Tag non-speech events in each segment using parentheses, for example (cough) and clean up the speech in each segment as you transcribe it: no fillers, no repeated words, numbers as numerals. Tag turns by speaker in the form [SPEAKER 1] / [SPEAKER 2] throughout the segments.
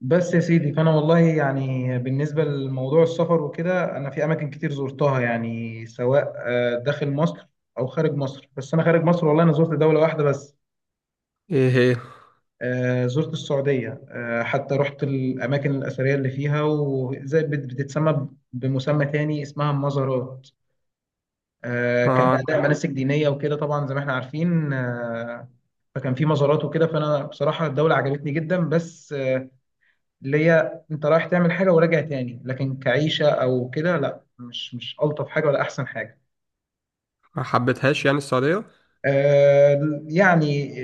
[SPEAKER 1] بس يا سيدي فانا والله يعني بالنسبه لموضوع السفر وكده انا في اماكن كتير زرتها يعني سواء داخل مصر او خارج مصر. بس انا خارج مصر والله انا زرت دوله واحده بس.
[SPEAKER 2] ايه هي؟
[SPEAKER 1] زرت السعوديه، حتى رحت الاماكن الاثريه اللي فيها، وزي بت- بتتسمى ب- بمسمى تاني اسمها المزارات. كان اداء
[SPEAKER 2] أنا
[SPEAKER 1] مناسك دينيه وكده، طبعا زي ما احنا عارفين. فكان في مزارات وكده. فانا بصراحه الدوله عجبتني جدا، بس اللي هي انت رايح تعمل حاجه وراجع تاني، لكن كعيشه او كده لا، مش الطف حاجه ولا احسن حاجه.
[SPEAKER 2] ما حبيتهاش يعني السعودية؟
[SPEAKER 1] يعني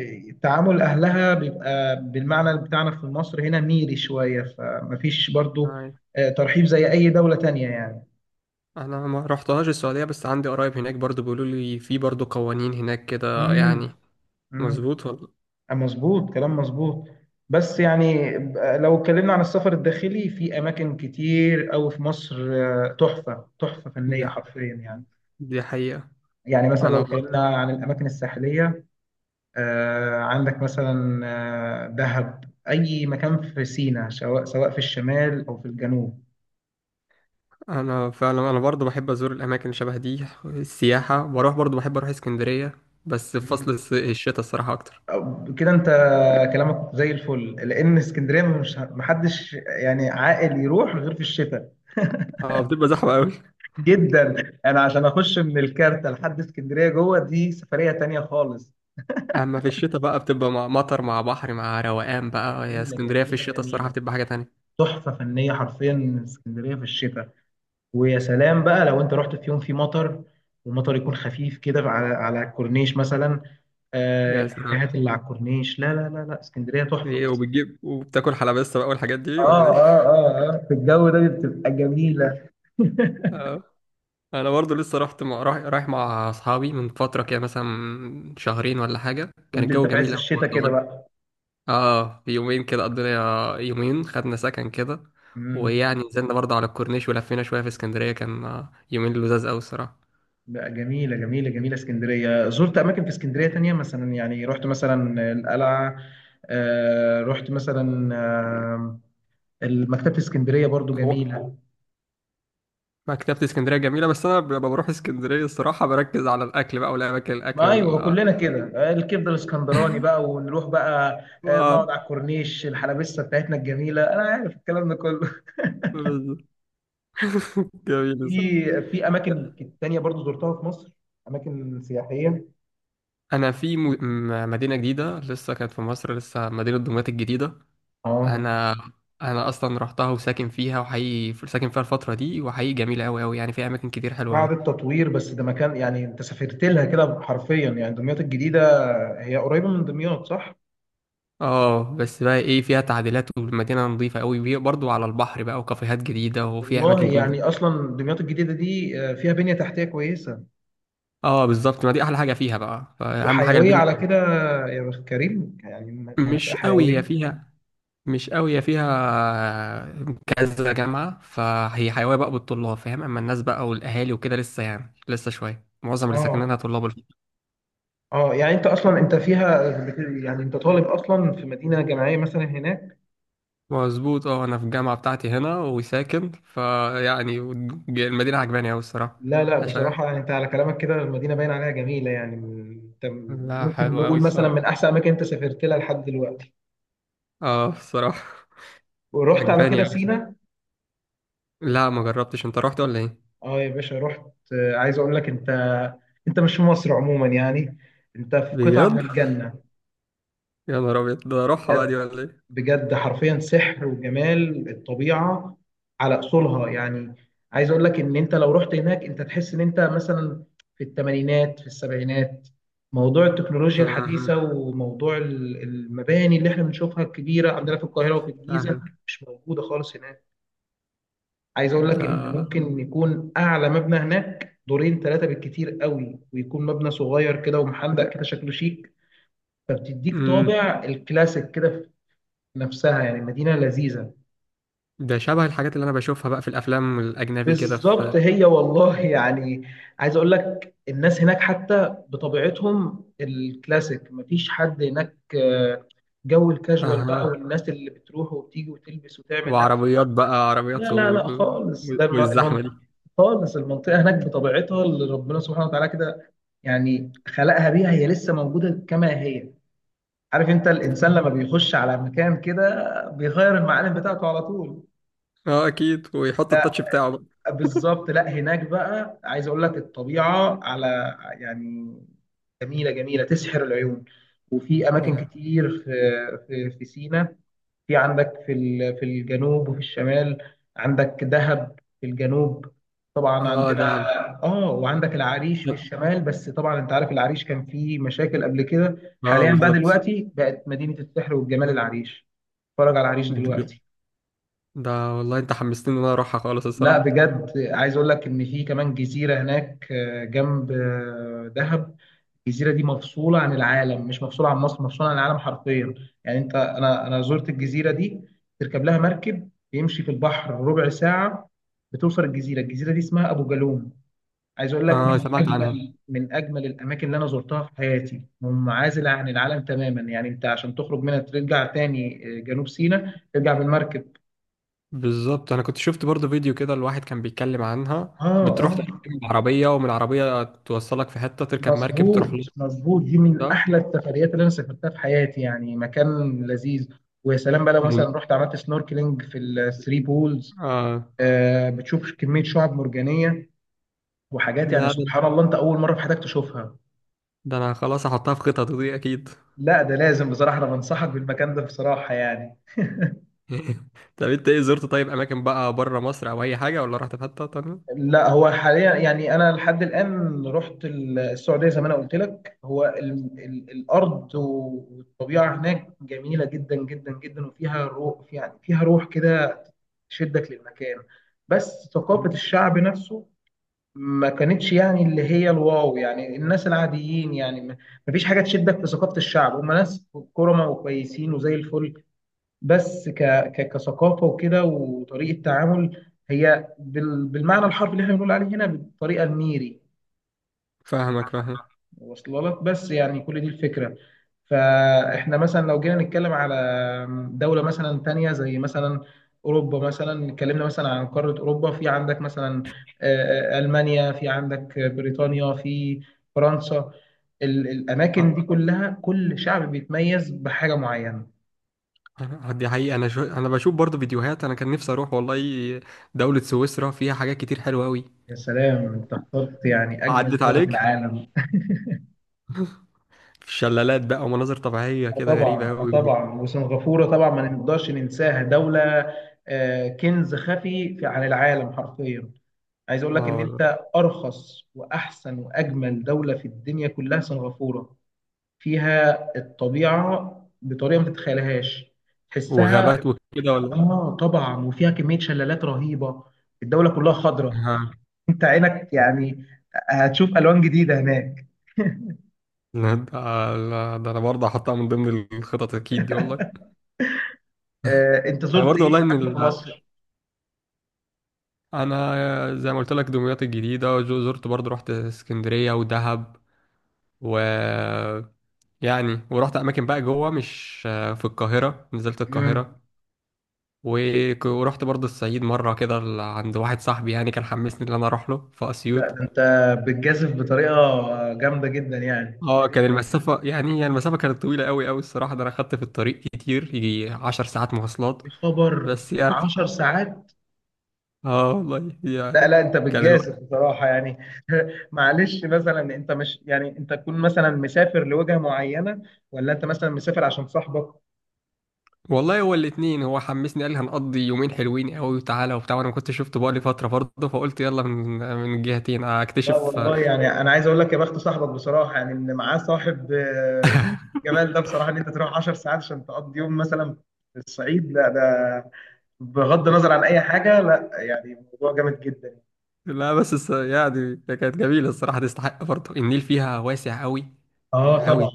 [SPEAKER 1] تعامل اهلها بيبقى بالمعنى بتاعنا في مصر هنا ميري شويه، فمفيش برضو
[SPEAKER 2] آه،
[SPEAKER 1] ترحيب زي اي دوله تانية يعني.
[SPEAKER 2] انا ما رحتهاش السعودية، بس عندي قرايب هناك برضو بيقولوا لي في برضو قوانين هناك كده
[SPEAKER 1] امم
[SPEAKER 2] يعني.
[SPEAKER 1] امم
[SPEAKER 2] مظبوط ولا؟
[SPEAKER 1] مظبوط، كلام مظبوط. بس يعني لو اتكلمنا عن السفر الداخلي، في اماكن كتير قوي في مصر، تحفه
[SPEAKER 2] دي
[SPEAKER 1] فنيه حرفيا يعني.
[SPEAKER 2] دي حقيقة.
[SPEAKER 1] يعني مثلا لو
[SPEAKER 2] انا
[SPEAKER 1] اتكلمنا عن الاماكن الساحليه، عندك مثلا دهب، أي مكان في سيناء، سواء في الشمال أو في الجنوب.
[SPEAKER 2] انا فعلا برضو بحب ازور الاماكن اللي شبه دي. السياحة بروح برضو بحب اروح اسكندرية، بس في
[SPEAKER 1] مم.
[SPEAKER 2] فصل الشتاء الصراحة اكتر.
[SPEAKER 1] كده أنت كلامك زي الفل، لأن اسكندرية مش، محدش يعني عاقل يروح غير في الشتاء
[SPEAKER 2] اه، بتبقى زحمة قوي.
[SPEAKER 1] جدا. أنا عشان أخش من الكارتة لحد اسكندرية جوه، دي سفرية تانية خالص.
[SPEAKER 2] اما في الشتاء بقى بتبقى مع مطر مع بحر مع روقان بقى، يا
[SPEAKER 1] جميلة
[SPEAKER 2] اسكندرية في
[SPEAKER 1] جميلة
[SPEAKER 2] الشتاء الصراحة
[SPEAKER 1] جميلة،
[SPEAKER 2] بتبقى حاجة تانية.
[SPEAKER 1] تحفة فنية حرفيا اسكندرية في الشتاء. ويا سلام بقى لو انت رحت في يوم في مطر، ومطر يكون خفيف كده على الكورنيش مثلا. آه
[SPEAKER 2] يا سلام!
[SPEAKER 1] الكافيهات اللي على الكورنيش، لا اسكندريه تحفه
[SPEAKER 2] ايه،
[SPEAKER 1] بس.
[SPEAKER 2] وبتجيب وبتاكل حلبسة بقى والحاجات دي ولا
[SPEAKER 1] اه
[SPEAKER 2] إيه؟
[SPEAKER 1] اه في الجو ده بتبقى جميلة. (laughs)
[SPEAKER 2] اه. انا برضو لسه رحت مع... رايح رايح مع اصحابي من فتره كده، مثلا شهرين ولا حاجه، كان
[SPEAKER 1] كنت انت
[SPEAKER 2] الجو
[SPEAKER 1] في عز
[SPEAKER 2] جميل قوي
[SPEAKER 1] الشتاء
[SPEAKER 2] برضه
[SPEAKER 1] كده بقى.
[SPEAKER 2] اه، في يومين كده، قضينا يومين، خدنا سكن كده.
[SPEAKER 1] امم
[SPEAKER 2] ويعني نزلنا برضه على الكورنيش، ولفينا شويه في اسكندريه، كان يومين لذاذ قوي الصراحه.
[SPEAKER 1] لا، جميله جميله جميله اسكندريه. زرت اماكن في اسكندريه تانية مثلا، يعني رحت مثلا القلعه، آه رحت مثلا مكتبه اسكندريه برضو
[SPEAKER 2] هو
[SPEAKER 1] جميله.
[SPEAKER 2] مكتبه اسكندريه جميله، بس انا لما بروح اسكندريه الصراحه بركز على الاكل بقى، والاماكن الاكل
[SPEAKER 1] ما ايوه،
[SPEAKER 2] وال...
[SPEAKER 1] كلنا كده، الكبده الاسكندراني بقى ونروح بقى، نقعد
[SPEAKER 2] آه،
[SPEAKER 1] على الكورنيش، الحلبسه بتاعتنا الجميله، انا عارف الكلام ده كله. (laughs)
[SPEAKER 2] بالظبط. (laughs) جميل
[SPEAKER 1] في
[SPEAKER 2] الصراحه.
[SPEAKER 1] في اماكن تانية برضو زرتها في مصر، اماكن سياحيه.
[SPEAKER 2] انا في مدينه جديده لسه كانت في مصر، لسه مدينه دمياط الجديده.
[SPEAKER 1] اه
[SPEAKER 2] انا انا اصلا رحتها وساكن فيها، وحقيقي ساكن فيها الفتره دي، وحقيقي جميله قوي قوي، يعني فيها اماكن كتير حلوه
[SPEAKER 1] بعد
[SPEAKER 2] قوي.
[SPEAKER 1] التطوير، بس ده مكان يعني انت سافرت لها كده حرفيا يعني. دمياط الجديده هي قريبه من دمياط صح؟
[SPEAKER 2] اه، بس بقى ايه، فيها تعديلات، والمدينه نظيفه قوي، وهي برضو على البحر بقى، وكافيهات جديده، وفيها
[SPEAKER 1] والله
[SPEAKER 2] اماكن.
[SPEAKER 1] يعني اصلا دمياط الجديده دي فيها بنيه تحتيه كويسه
[SPEAKER 2] اه بالظبط، ما دي احلى حاجه فيها بقى، فاهم، حاجه
[SPEAKER 1] وحيويه
[SPEAKER 2] البنيه
[SPEAKER 1] على كده.
[SPEAKER 2] بتاعتها.
[SPEAKER 1] يا بخت كريم يعني، منطقه
[SPEAKER 2] مش قوي هي
[SPEAKER 1] حيويه.
[SPEAKER 2] فيها مش قوي هي فيها كذا جامعه، فهي حيويه بقى بالطلاب، فاهم. اما الناس بقى والاهالي وكده لسه يعني لسه شويه، معظم اللي ساكنينها
[SPEAKER 1] اه
[SPEAKER 2] طلاب.
[SPEAKER 1] اه يعني انت اصلا انت فيها يعني انت طالب اصلا في مدينه جامعيه مثلا هناك.
[SPEAKER 2] مظبوط. اه، انا في الجامعه بتاعتي هنا وساكن فيعني، المدينه عجباني اوي الصراحه.
[SPEAKER 1] لا لا
[SPEAKER 2] عشان
[SPEAKER 1] بصراحه يعني انت على كلامك كده المدينه باين عليها جميله، يعني انت
[SPEAKER 2] لا،
[SPEAKER 1] ممكن
[SPEAKER 2] حلو اوي
[SPEAKER 1] نقول مثلا
[SPEAKER 2] الصراحه.
[SPEAKER 1] من احسن اماكن انت سافرت لها لحد دلوقتي
[SPEAKER 2] اه الصراحه
[SPEAKER 1] ورحت على
[SPEAKER 2] عجباني
[SPEAKER 1] كده
[SPEAKER 2] اوي.
[SPEAKER 1] سينا.
[SPEAKER 2] لا ما جربتش، انت رحت ولا ايه؟
[SPEAKER 1] اه يا باشا رحت. عايز اقول لك انت، انت مش في مصر عموما يعني، انت في قطعه من
[SPEAKER 2] بجد؟
[SPEAKER 1] الجنه.
[SPEAKER 2] يا نهار ابيض، ده اروحها بقى
[SPEAKER 1] بجد،
[SPEAKER 2] دي ولا ايه؟
[SPEAKER 1] بجد حرفيا سحر وجمال الطبيعة على أصولها يعني. عايز أقول لك إن أنت لو رحت هناك، أنت تحس إن أنت مثلا في الثمانينات في السبعينات. موضوع التكنولوجيا
[SPEAKER 2] آه،
[SPEAKER 1] الحديثة وموضوع المباني اللي احنا بنشوفها الكبيرة عندنا في القاهرة وفي الجيزة
[SPEAKER 2] فاهمك.
[SPEAKER 1] مش موجودة خالص هناك. عايز أقول لك
[SPEAKER 2] ده
[SPEAKER 1] إن ممكن يكون أعلى مبنى هناك دورين ثلاثة بالكتير قوي، ويكون مبنى صغير كده ومحندق كده، شكله شيك، فبتديك
[SPEAKER 2] امم
[SPEAKER 1] طابع الكلاسيك كده في نفسها. يعني مدينة لذيذة.
[SPEAKER 2] ده شبه الحاجات اللي انا بشوفها بقى في الافلام الاجنبي كده، في.
[SPEAKER 1] بالظبط، هي والله يعني. عايز اقول لك الناس هناك حتى بطبيعتهم الكلاسيك، مفيش حد هناك جو الكاجوال بقى،
[SPEAKER 2] اها.
[SPEAKER 1] والناس اللي بتروح وبتيجي وتلبس وتعمل، لا
[SPEAKER 2] وعربيات بقى
[SPEAKER 1] لا
[SPEAKER 2] عربيات
[SPEAKER 1] لا لا خالص. ده
[SPEAKER 2] والزحمه
[SPEAKER 1] المنطقة
[SPEAKER 2] دي.
[SPEAKER 1] خالص، المنطقة هناك بطبيعتها اللي ربنا سبحانه وتعالى كده يعني خلقها بيها، هي لسه موجودة كما هي. عارف انت الانسان لما بيخش على مكان كده بيغير المعالم بتاعته على طول.
[SPEAKER 2] اه اكيد، ويحط التاتش بتاعه بقى.
[SPEAKER 1] بالظبط، لا هناك بقى عايز اقول لك الطبيعه على، يعني جميله جميله، تسحر العيون. وفي اماكن
[SPEAKER 2] اه.
[SPEAKER 1] كتير في في سيناء، في عندك في في الجنوب وفي الشمال. عندك دهب في الجنوب طبعا
[SPEAKER 2] آه،
[SPEAKER 1] عندنا،
[SPEAKER 2] ده
[SPEAKER 1] اه وعندك العريش في
[SPEAKER 2] لا.
[SPEAKER 1] الشمال. بس طبعا انت عارف العريش كان فيه مشاكل قبل كده،
[SPEAKER 2] اه
[SPEAKER 1] حاليا بقى
[SPEAKER 2] بالظبط.
[SPEAKER 1] دلوقتي بقت مدينه السحر والجمال العريش. اتفرج على العريش
[SPEAKER 2] دي-
[SPEAKER 1] دلوقتي.
[SPEAKER 2] ده والله انت حمستني ان انا اروحها خالص
[SPEAKER 1] لا
[SPEAKER 2] الصراحه.
[SPEAKER 1] بجد عايز اقول لك ان في كمان جزيره هناك، جنب دهب. الجزيره دي مفصوله عن العالم، مش مفصوله عن مصر، مفصوله عن العالم حرفيا. يعني انت، انا زرت الجزيره دي، تركب لها مركب يمشي في البحر ربع ساعه بتوصل الجزيره. الجزيره دي اسمها ابو جالوم. عايز اقول لك
[SPEAKER 2] اه
[SPEAKER 1] من
[SPEAKER 2] سمعت عنها.
[SPEAKER 1] اجمل، من اجمل الاماكن اللي انا زرتها في حياتي، منعزله عن العالم تماما. يعني انت عشان تخرج منها ترجع تاني جنوب سيناء ترجع بالمركب.
[SPEAKER 2] بالظبط، انا كنت شفت برضو فيديو كده، الواحد كان بيتكلم عنها،
[SPEAKER 1] اه
[SPEAKER 2] بتروح
[SPEAKER 1] اه.
[SPEAKER 2] تركب العربيه، ومن العربيه توصلك في حته، تركب مركب
[SPEAKER 1] مظبوط
[SPEAKER 2] تروح لها.
[SPEAKER 1] مظبوط دي من
[SPEAKER 2] ده
[SPEAKER 1] احلى السفريات اللي انا سافرتها في حياتي، يعني مكان لذيذ. ويا سلام بقى لو
[SPEAKER 2] من...
[SPEAKER 1] مثلا رحت عملت سنوركلينج في الثري بولز،
[SPEAKER 2] آه.
[SPEAKER 1] آه بتشوف كميه شعاب مرجانيه وحاجات، يعني
[SPEAKER 2] لا،
[SPEAKER 1] سبحان
[SPEAKER 2] ده
[SPEAKER 1] الله، انت اول مره في حياتك تشوفها.
[SPEAKER 2] ده انا خلاص هحطها في خططي دي اكيد.
[SPEAKER 1] لا ده لازم، بصراحه انا بنصحك بالمكان ده بصراحه يعني.
[SPEAKER 2] (laughs) طب انت، ايه، زرت طيب اماكن بقى بره مصر او اي حاجه، ولا رحت في حته تانية؟
[SPEAKER 1] لا هو حاليا يعني انا لحد الان رحت السعوديه زي ما انا قلت لك، هو ال الارض والطبيعه هناك جميله جدا جدا جدا، وفيها روح، يعني فيها روح كده تشدك للمكان. بس ثقافه الشعب نفسه ما كانتش، يعني اللي هي الواو، يعني الناس العاديين يعني، ما فيش حاجه تشدك في ثقافه الشعب. هم ناس كرمة وكويسين وزي الفل، بس كثقافه وكده وطريقه تعامل، هي بالمعنى الحرفي اللي احنا بنقول عليه هنا بالطريقه الميري.
[SPEAKER 2] فاهمك، فاهم.
[SPEAKER 1] واصله لك؟ بس يعني كل دي الفكره. فاحنا مثلا لو جينا نتكلم على دوله مثلا تانية، زي مثلا اوروبا، مثلا اتكلمنا مثلا عن قاره اوروبا، في عندك مثلا المانيا، في عندك بريطانيا، في فرنسا. الاماكن دي كلها كل شعب بيتميز بحاجه معينه.
[SPEAKER 2] دي حقيقة. أنا أنا بشوف برضو فيديوهات، أنا كان نفسي أروح والله دولة سويسرا، فيها حاجات كتير حلوة أوي.
[SPEAKER 1] يا سلام، انت اخترت يعني اجمل
[SPEAKER 2] عدت
[SPEAKER 1] دوله في
[SPEAKER 2] عليك.
[SPEAKER 1] العالم.
[SPEAKER 2] في شلالات بقى ومناظر طبيعية
[SPEAKER 1] آه
[SPEAKER 2] كده
[SPEAKER 1] طبعا،
[SPEAKER 2] غريبة
[SPEAKER 1] آه
[SPEAKER 2] أوي.
[SPEAKER 1] طبعا. وسنغافورة طبعا ما نقدرش ننساها، دولة كنز خفي في عن العالم حرفيا. عايز اقول لك
[SPEAKER 2] اه
[SPEAKER 1] ان
[SPEAKER 2] والله.
[SPEAKER 1] انت ارخص واحسن واجمل دولة في الدنيا كلها سنغافورة. فيها الطبيعة بطريقة ما تتخيلهاش، تحسها.
[SPEAKER 2] وغابات وكده ولا؟
[SPEAKER 1] اه طبعا، وفيها كمية شلالات رهيبة. الدولة كلها خضراء.
[SPEAKER 2] ها.
[SPEAKER 1] انت عينك يعني هتشوف الوان جديدة هناك.
[SPEAKER 2] لا ده لا، ده أنا برضه هحطها من ضمن الخطط أكيد دي والله.
[SPEAKER 1] انت
[SPEAKER 2] أنا
[SPEAKER 1] زرت
[SPEAKER 2] برضه
[SPEAKER 1] ايه
[SPEAKER 2] والله إن
[SPEAKER 1] اماكن في مصر؟
[SPEAKER 2] أنا زي ما قلت لك دمياط الجديدة، زرت برضه، رحت اسكندرية ودهب، و... يعني ورحت أماكن بقى جوه، مش في القاهرة، نزلت
[SPEAKER 1] مم.
[SPEAKER 2] القاهرة. ورحت برضه الصعيد مرة كده عند واحد صاحبي، يعني كان حمسني إن أنا أروح له في أسيوط.
[SPEAKER 1] لا ده انت بتجازف بطريقه جامده جدا يعني.
[SPEAKER 2] اه، كان المسافة يعني المسافة كانت طويلة أوي أوي الصراحة، ده أنا خدت في الطريق كتير، يجي 10 ساعات مواصلات.
[SPEAKER 1] يا خبر،
[SPEAKER 2] بس يعني.
[SPEAKER 1] 10 ساعات؟
[SPEAKER 2] (laughs) اه والله
[SPEAKER 1] لا
[SPEAKER 2] يعني.
[SPEAKER 1] لا انت
[SPEAKER 2] كان
[SPEAKER 1] بتجازف
[SPEAKER 2] الوقت...
[SPEAKER 1] بصراحه يعني. (laughs) معلش، مثلا انت مش، يعني انت تكون مثلا مسافر لوجهه معينه، ولا انت مثلا مسافر عشان صاحبك؟
[SPEAKER 2] والله هو الاتنين، هو حمسني قال لي هنقضي يومين حلوين أوي وتعالى وبتاع، وأنا ما كنتش شفته بقالي فترة برضه، فقلت يلا، من الجهتين
[SPEAKER 1] لا
[SPEAKER 2] أكتشف. (laughs)
[SPEAKER 1] والله، يعني انا عايز اقول لك يا بخت صاحبك بصراحه يعني، ان معاه صاحب جمال ده بصراحه، ان انت تروح 10 ساعات عشان تقضي يوم مثلا في الصعيد، لا ده بغض النظر عن اي حاجه، لا يعني موضوع جامد جدا.
[SPEAKER 2] لا، بس يعني كانت جميلة الصراحة، تستحق برضه، النيل فيها واسع أوي
[SPEAKER 1] اه طبعا،
[SPEAKER 2] أوي.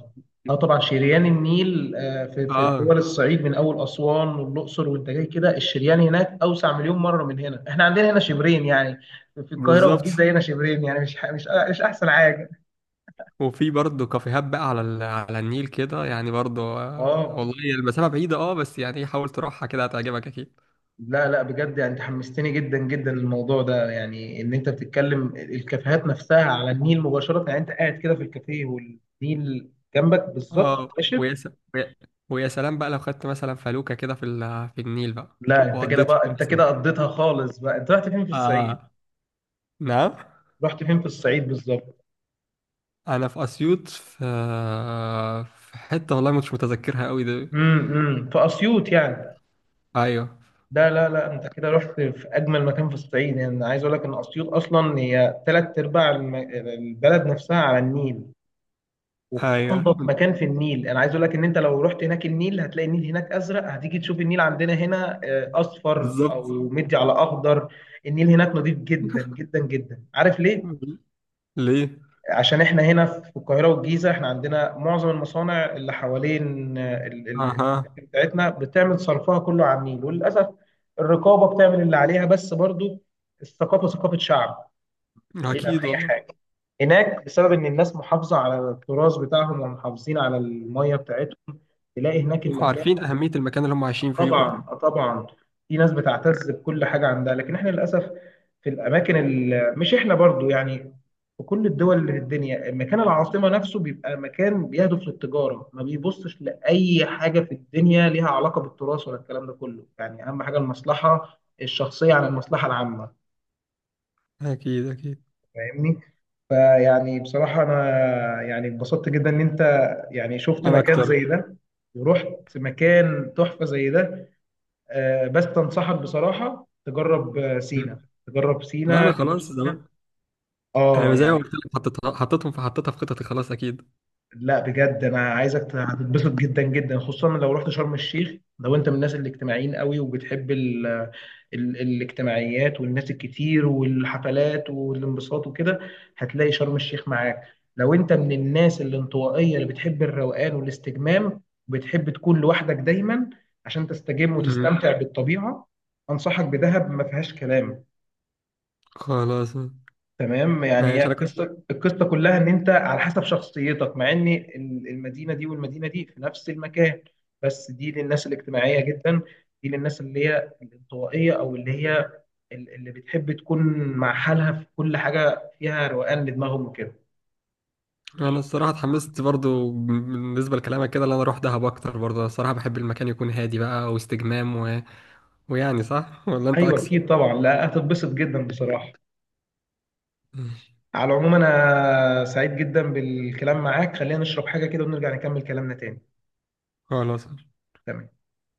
[SPEAKER 1] اه طبعا. شريان النيل في في
[SPEAKER 2] اه
[SPEAKER 1] دول الصعيد من اول اسوان والاقصر وانت جاي كده، الشريان هناك اوسع مليون مره من هنا. احنا عندنا هنا شبرين يعني، في القاهره
[SPEAKER 2] بالظبط.
[SPEAKER 1] والجيزه هنا شبرين يعني، مش احسن حاجه.
[SPEAKER 2] وفي برضه كافيهات بقى على على النيل كده، يعني برضه،
[SPEAKER 1] اه.
[SPEAKER 2] والله هي المسافة بعيدة، اه، بس يعني إيه، حاول تروحها كده هتعجبك اكيد.
[SPEAKER 1] لا لا بجد يعني انت حمستني جدا جدا للموضوع ده، يعني ان انت بتتكلم الكافيهات نفسها على النيل مباشره، يعني انت قاعد كده في الكافيه والنيل جنبك بالظبط
[SPEAKER 2] اه.
[SPEAKER 1] مباشر.
[SPEAKER 2] ويا س... ويا ويا سلام بقى، لو خدت مثلا فلوكة كده في في النيل بقى،
[SPEAKER 1] لا انت كده
[SPEAKER 2] وقضيت
[SPEAKER 1] بقى،
[SPEAKER 2] يوم
[SPEAKER 1] انت
[SPEAKER 2] مثلا.
[SPEAKER 1] كده قضيتها خالص بقى. انت رحت فين في الصعيد؟
[SPEAKER 2] آه. نعم.
[SPEAKER 1] رحت فين في الصعيد بالظبط؟
[SPEAKER 2] انا في اسيوط، في حتة والله مش متذكرها قوي ده.
[SPEAKER 1] في اسيوط يعني.
[SPEAKER 2] ايوه.
[SPEAKER 1] ده لا لا، انت كده رحت في اجمل مكان في الصعيد يعني. أنا عايز اقول لك ان اسيوط اصلا هي ثلاث ارباع البلد نفسها على النيل، وفي
[SPEAKER 2] ايوه
[SPEAKER 1] انضف مكان في النيل. انا عايز اقول لك ان انت لو رحت هناك النيل، هتلاقي النيل هناك ازرق. هتيجي تشوف النيل عندنا هنا اصفر او
[SPEAKER 2] بالظبط.
[SPEAKER 1] مدي على اخضر. النيل هناك نظيف جدا جدا جدا. عارف ليه؟
[SPEAKER 2] ليه؟
[SPEAKER 1] عشان احنا هنا في القاهرة والجيزة، احنا عندنا معظم المصانع اللي حوالين
[SPEAKER 2] اها.
[SPEAKER 1] الأكل بتاعتنا بتعمل صرفها كله عميل. وللأسف الرقابة بتعمل اللي عليها، بس برضو الثقافة، ثقافة شعب بعيد عن
[SPEAKER 2] اكيد
[SPEAKER 1] أي
[SPEAKER 2] والله.
[SPEAKER 1] حاجة. هناك بسبب إن الناس محافظة على التراث بتاعهم، ومحافظين على المية بتاعتهم، تلاقي هناك المكان.
[SPEAKER 2] عارفين اهمية المكان اللي هم عايشين فيه برضه.
[SPEAKER 1] طبعا، آه طبعا. في ناس بتعتز بكل حاجه عندها، لكن احنا للاسف في الاماكن مش احنا برضو يعني، في كل الدول اللي في الدنيا مكان العاصمه نفسه بيبقى مكان بيهدف للتجاره، ما بيبصش لاي حاجه في الدنيا ليها علاقه بالتراث ولا الكلام ده كله، يعني اهم حاجه المصلحه الشخصيه عن المصلحه العامه.
[SPEAKER 2] اكيد اكيد.
[SPEAKER 1] فاهمني؟ فيعني بصراحه انا يعني اتبسطت جدا ان انت يعني شفت
[SPEAKER 2] انا
[SPEAKER 1] مكان زي
[SPEAKER 2] اكتر.
[SPEAKER 1] ده، ورحت مكان تحفه زي ده. بس انصحك بصراحه تجرب سينا،
[SPEAKER 2] مم.
[SPEAKER 1] تجرب
[SPEAKER 2] لا،
[SPEAKER 1] سينا،
[SPEAKER 2] انا
[SPEAKER 1] جنوب
[SPEAKER 2] خلاص
[SPEAKER 1] سينا.
[SPEAKER 2] زمان.
[SPEAKER 1] اه
[SPEAKER 2] انا زي ما
[SPEAKER 1] يعني
[SPEAKER 2] قلت لك، حطيتها في خطتي خلاص اكيد.
[SPEAKER 1] لا بجد، انا عايزك هتتبسط جدا جدا، خصوصا لو رحت شرم الشيخ. لو انت من الناس الاجتماعيين قوي وبتحب ال الاجتماعيات والناس الكتير والحفلات والانبساط وكده، هتلاقي شرم الشيخ معاك. لو انت من الناس الانطوائيه اللي بتحب الروقان والاستجمام، وبتحب تكون لوحدك دايما عشان تستجم
[SPEAKER 2] مم.
[SPEAKER 1] وتستمتع بالطبيعه، انصحك بدهب، ما فيهاش كلام.
[SPEAKER 2] خلاص.
[SPEAKER 1] تمام، يعني هي
[SPEAKER 2] ماشي. انا كنت...
[SPEAKER 1] القصه، القصه كلها ان انت على حسب شخصيتك، مع ان المدينه دي والمدينه دي في نفس المكان، بس دي للناس الاجتماعيه جدا، دي للناس اللي هي الانطوائيه، او اللي هي اللي بتحب تكون مع حالها في كل حاجه، فيها روقان لدماغهم وكده.
[SPEAKER 2] انا الصراحه اتحمست برضو بالنسبه لكلامك كده، اللي انا اروح دهب اكتر برضو، أنا الصراحه بحب المكان يكون هادي بقى، واستجمام و... ويعني صح ولا انت
[SPEAKER 1] ايوه
[SPEAKER 2] عكسي؟
[SPEAKER 1] اكيد طبعا، لا هتتبسط جدا بصراحه.
[SPEAKER 2] مم.
[SPEAKER 1] على العموم انا سعيد جدا بالكلام معاك، خلينا نشرب حاجه كده ونرجع نكمل كلامنا تاني.
[SPEAKER 2] خلاص.
[SPEAKER 1] تمام.